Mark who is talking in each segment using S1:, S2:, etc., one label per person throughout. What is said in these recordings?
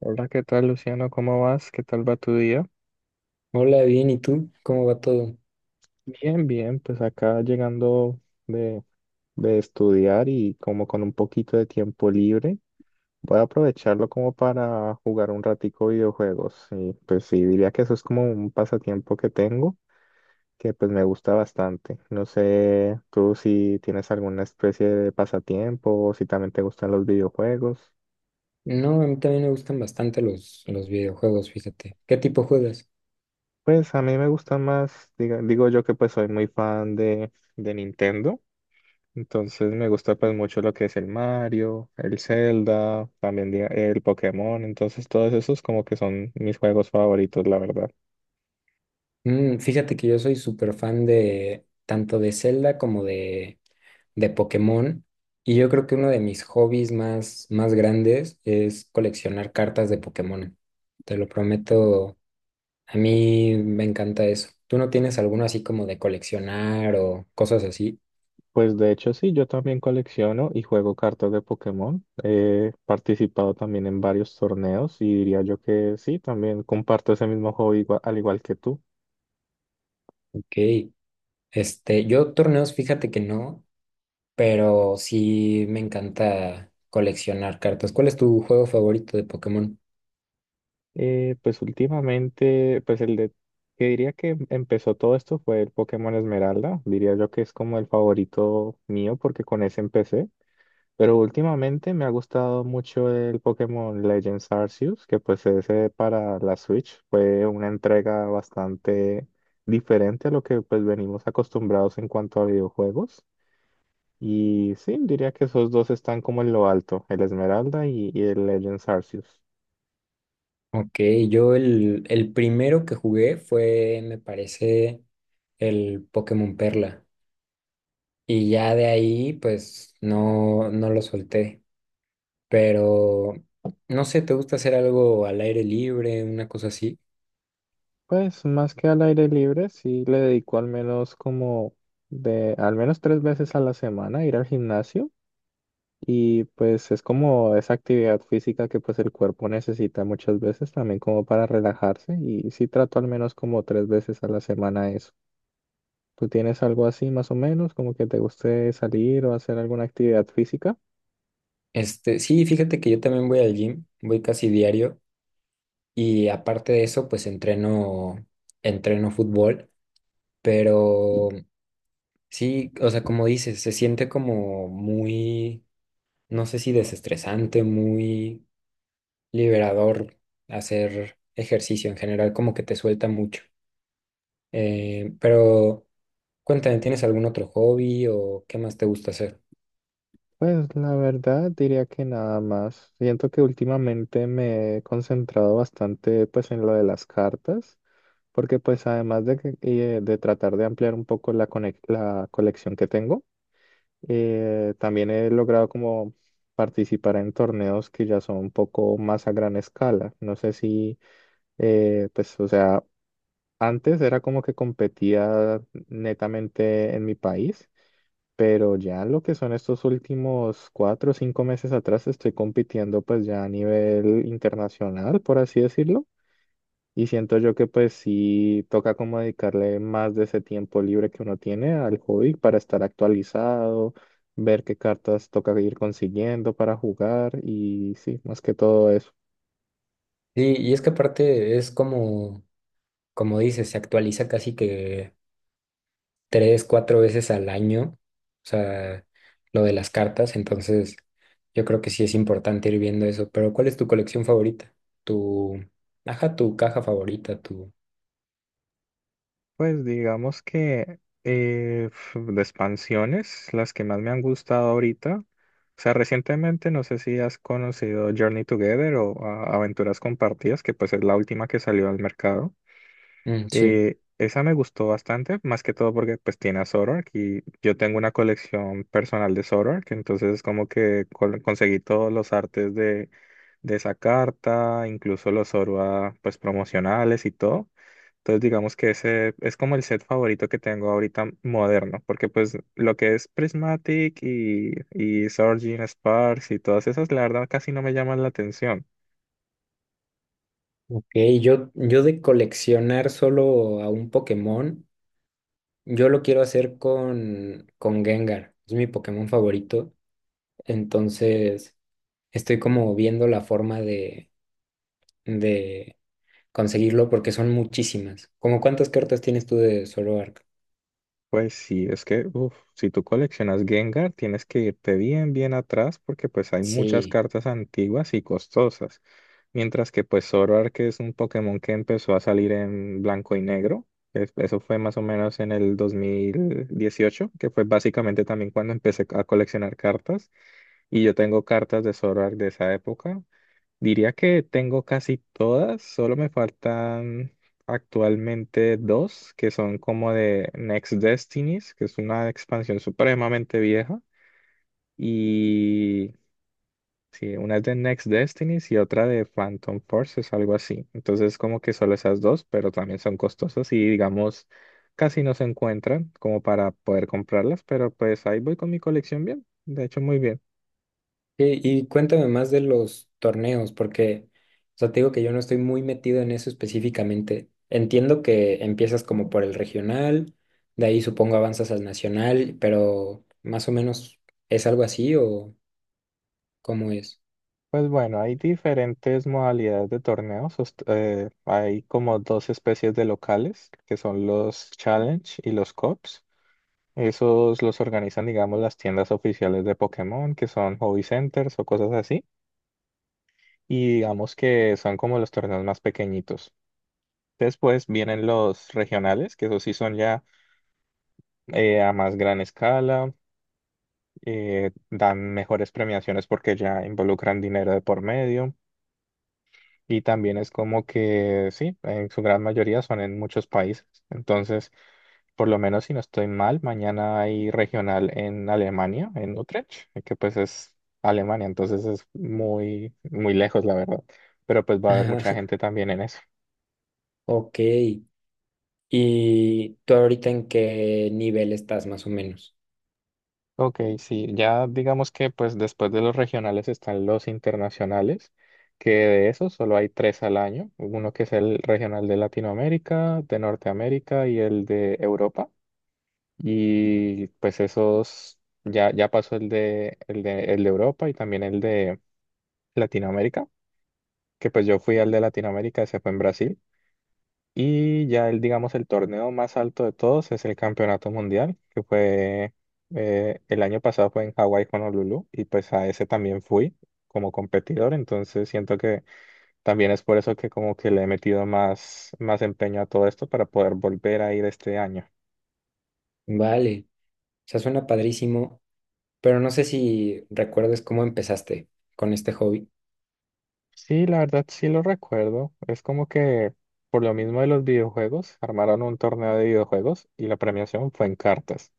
S1: Hola, ¿qué tal, Luciano? ¿Cómo vas? ¿Qué tal va tu día?
S2: Hola, bien, ¿y tú? ¿Cómo va todo?
S1: Bien, bien, pues acá llegando de, de estudiar y como con un poquito de tiempo libre, voy a aprovecharlo como para jugar un ratico videojuegos. Y pues sí, diría que eso es como un pasatiempo que tengo, que pues me gusta bastante. No sé tú si tienes alguna especie de pasatiempo o si también te gustan los videojuegos.
S2: No, a mí también me gustan bastante los videojuegos, fíjate. ¿Qué tipo juegas?
S1: Pues a mí me gustan más, digo yo que pues soy muy fan de Nintendo. Entonces me gusta pues mucho lo que es el Mario, el Zelda, también el Pokémon, entonces todos esos como que son mis juegos favoritos, la verdad.
S2: Mm, fíjate que yo soy súper fan de tanto de Zelda como de Pokémon. Y yo creo que uno de mis hobbies más grandes es coleccionar cartas de Pokémon. Te lo prometo, a mí me encanta eso. ¿Tú no tienes alguno así como de coleccionar o cosas así?
S1: Pues de hecho sí, yo también colecciono y juego cartas de Pokémon. He participado también en varios torneos y diría yo que sí, también comparto ese mismo hobby al igual que tú.
S2: Ok. Este, yo torneos, fíjate que no. Pero sí me encanta coleccionar cartas. ¿Cuál es tu juego favorito de Pokémon?
S1: Pues últimamente, pues el de que diría que empezó todo esto fue el Pokémon Esmeralda. Diría yo que es como el favorito mío porque con ese empecé. Pero últimamente me ha gustado mucho el Pokémon Legends Arceus, que pues ese para la Switch fue una entrega bastante diferente a lo que pues venimos acostumbrados en cuanto a videojuegos. Y sí, diría que esos dos están como en lo alto, el Esmeralda y el Legends Arceus.
S2: Ok, yo el primero que jugué fue, me parece, el Pokémon Perla. Y ya de ahí, pues, no, no lo solté. Pero, no sé, ¿te gusta hacer algo al aire libre, una cosa así?
S1: Pues más que al aire libre, sí le dedico al menos como de al menos tres veces a la semana ir al gimnasio y pues es como esa actividad física que pues el cuerpo necesita muchas veces también como para relajarse y sí trato al menos como tres veces a la semana eso. ¿Tú tienes algo así más o menos como que te guste salir o hacer alguna actividad física?
S2: Este, sí, fíjate que yo también voy al gym, voy casi diario. Y aparte de eso, pues entreno, entreno fútbol. Pero sí, o sea, como dices, se siente como muy, no sé si desestresante, muy liberador hacer ejercicio en general, como que te suelta mucho. Pero cuéntame, ¿tienes algún otro hobby o qué más te gusta hacer?
S1: Pues la verdad diría que nada más. Siento que últimamente me he concentrado bastante pues en lo de las cartas, porque pues además de, de tratar de ampliar un poco la, la colección que tengo, también he logrado como participar en torneos que ya son un poco más a gran escala. No sé si, pues, o sea, antes era como que competía netamente en mi país, pero ya lo que son estos últimos cuatro o cinco meses atrás estoy compitiendo pues ya a nivel internacional, por así decirlo. Y siento yo que pues sí toca como dedicarle más de ese tiempo libre que uno tiene al hobby para estar actualizado, ver qué cartas toca ir consiguiendo para jugar y sí, más que todo eso.
S2: Sí, y es que aparte es como, como dices, se actualiza casi que tres, cuatro veces al año, o sea, lo de las cartas, entonces yo creo que sí es importante ir viendo eso, pero ¿cuál es tu colección favorita? Tu, ajá, tu caja favorita, tu...
S1: Pues digamos que de expansiones, las que más me han gustado ahorita, o sea, recientemente no sé si has conocido Journey Together o ah, Aventuras Compartidas, que pues es la última que salió al mercado.
S2: Mm, sí,
S1: Esa me gustó bastante, más que todo porque pues tiene a Zoroark y yo tengo una colección personal de Zoroark, entonces como que conseguí todos los artes de esa carta, incluso los Zorua pues promocionales y todo. Entonces digamos que ese es como el set favorito que tengo ahorita moderno, porque pues lo que es Prismatic y Surging Sparks y todas esas, la verdad casi no me llaman la atención.
S2: ok, yo de coleccionar solo a un Pokémon, yo lo quiero hacer con Gengar, es mi Pokémon favorito, entonces estoy como viendo la forma de conseguirlo porque son muchísimas. ¿Cómo cuántas cartas tienes tú de Zoroark?
S1: Pues sí, es que uf, si tú coleccionas Gengar, tienes que irte bien, bien atrás porque pues hay muchas
S2: Sí,
S1: cartas antiguas y costosas. Mientras que pues Zoroark, que es un Pokémon que empezó a salir en blanco y negro, eso fue más o menos en el 2018, que fue básicamente también cuando empecé a coleccionar cartas. Y yo tengo cartas de Zoroark de esa época. Diría que tengo casi todas, solo me faltan actualmente dos, que son como de Next Destinies, que es una expansión supremamente vieja, y sí, una es de Next Destinies y otra de Phantom Forces, algo así. Entonces como que solo esas dos, pero también son costosas y digamos casi no se encuentran como para poder comprarlas, pero pues ahí voy con mi colección bien, de hecho muy bien.
S2: y cuéntame más de los torneos, porque, o sea, te digo que yo no estoy muy metido en eso específicamente. Entiendo que empiezas como por el regional, de ahí supongo avanzas al nacional, pero más o menos es algo así o cómo es.
S1: Pues bueno, hay diferentes modalidades de torneos. Hay como dos especies de locales, que son los Challenge y los Cups. Esos los organizan, digamos, las tiendas oficiales de Pokémon, que son hobby centers o cosas así. Y digamos que son como los torneos más pequeñitos. Después vienen los regionales, que esos sí son ya a más gran escala, dan mejores premiaciones porque ya involucran dinero de por medio. Y también es como que, sí, en su gran mayoría son en muchos países. Entonces, por lo menos si no estoy mal, mañana hay regional en Alemania, en Utrecht, que pues es Alemania, entonces es muy, muy lejos, la verdad. Pero pues va a haber
S2: Ajá,
S1: mucha gente también en eso.
S2: ok, ¿y tú ahorita en qué nivel estás más o menos?
S1: Ok, sí, ya digamos que pues después de los regionales están los internacionales, que de esos solo hay tres al año, uno que es el regional de Latinoamérica, de Norteamérica y el de Europa. Y pues esos, ya, ya pasó el de Europa y también el de Latinoamérica, que pues yo fui al de Latinoamérica, ese fue en Brasil. Y ya el, digamos, el torneo más alto de todos es el Campeonato Mundial, que fue, el año pasado fue en Hawái, Honolulu, y pues a ese también fui como competidor, entonces siento que también es por eso que como que le he metido más, más empeño a todo esto para poder volver a ir este año.
S2: Vale, o sea, suena padrísimo, pero no sé si recuerdes cómo empezaste con este hobby.
S1: Sí, la verdad sí lo recuerdo. Es como que por lo mismo de los videojuegos, armaron un torneo de videojuegos y la premiación fue en cartas.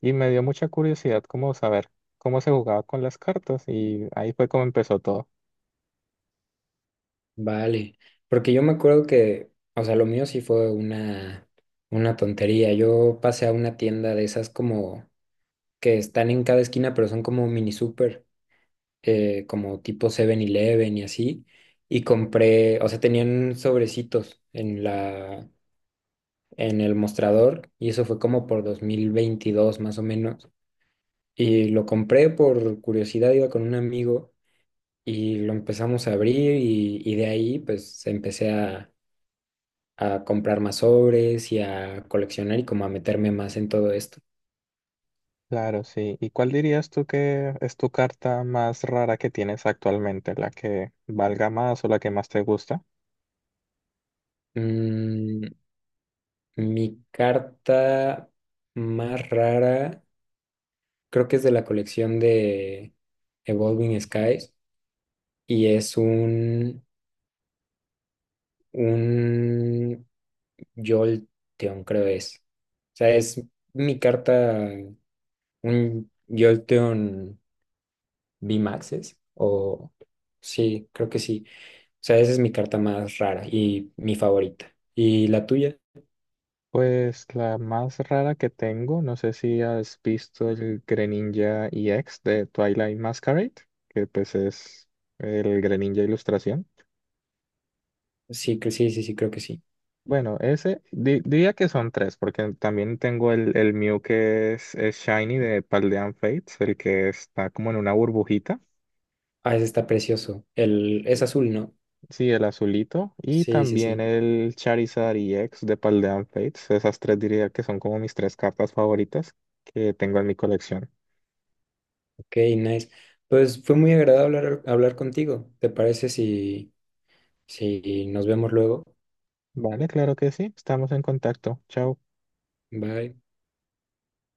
S1: Y me dio mucha curiosidad como saber cómo se jugaba con las cartas y ahí fue como empezó todo.
S2: Vale, porque yo me acuerdo que, o sea, lo mío sí fue una tontería. Yo pasé a una tienda de esas como que están en cada esquina, pero son como mini super, como tipo 7-Eleven y así. Y compré, o sea, tenían sobrecitos en el mostrador y eso fue como por 2022 más o menos. Y lo compré por curiosidad, iba con un amigo y lo empezamos a abrir y de ahí pues empecé a comprar más sobres y a coleccionar y como a meterme más en todo esto.
S1: Claro, sí. ¿Y cuál dirías tú que es tu carta más rara que tienes actualmente? ¿La que valga más o la que más te gusta?
S2: Mm, mi carta más rara creo que es de la colección de Evolving Skies y es un Jolteon, creo es. O sea, es mi carta, un Jolteon V-Maxes o sí, creo que sí. Sea, esa es mi carta más rara y mi favorita. ¿Y la tuya?
S1: Pues la más rara que tengo, no sé si has visto el Greninja EX de Twilight Masquerade, que pues es el Greninja Ilustración.
S2: Sí, que sí, sí, sí, creo que sí.
S1: Bueno, ese diría que son tres, porque también tengo el Mew es Shiny de Paldean Fates, el que está como en una burbujita,
S2: Ah, ese está precioso. El, es azul, ¿no?
S1: sí, el azulito, y
S2: Sí, sí,
S1: también
S2: sí.
S1: el Charizard EX de Paldean Fates. Esas tres diría que son como mis tres cartas favoritas que tengo en mi colección.
S2: Ok, nice. Pues fue muy agradable hablar contigo. ¿Te parece si nos vemos luego?
S1: Vale, claro que sí. Estamos en contacto. Chao.
S2: Bye.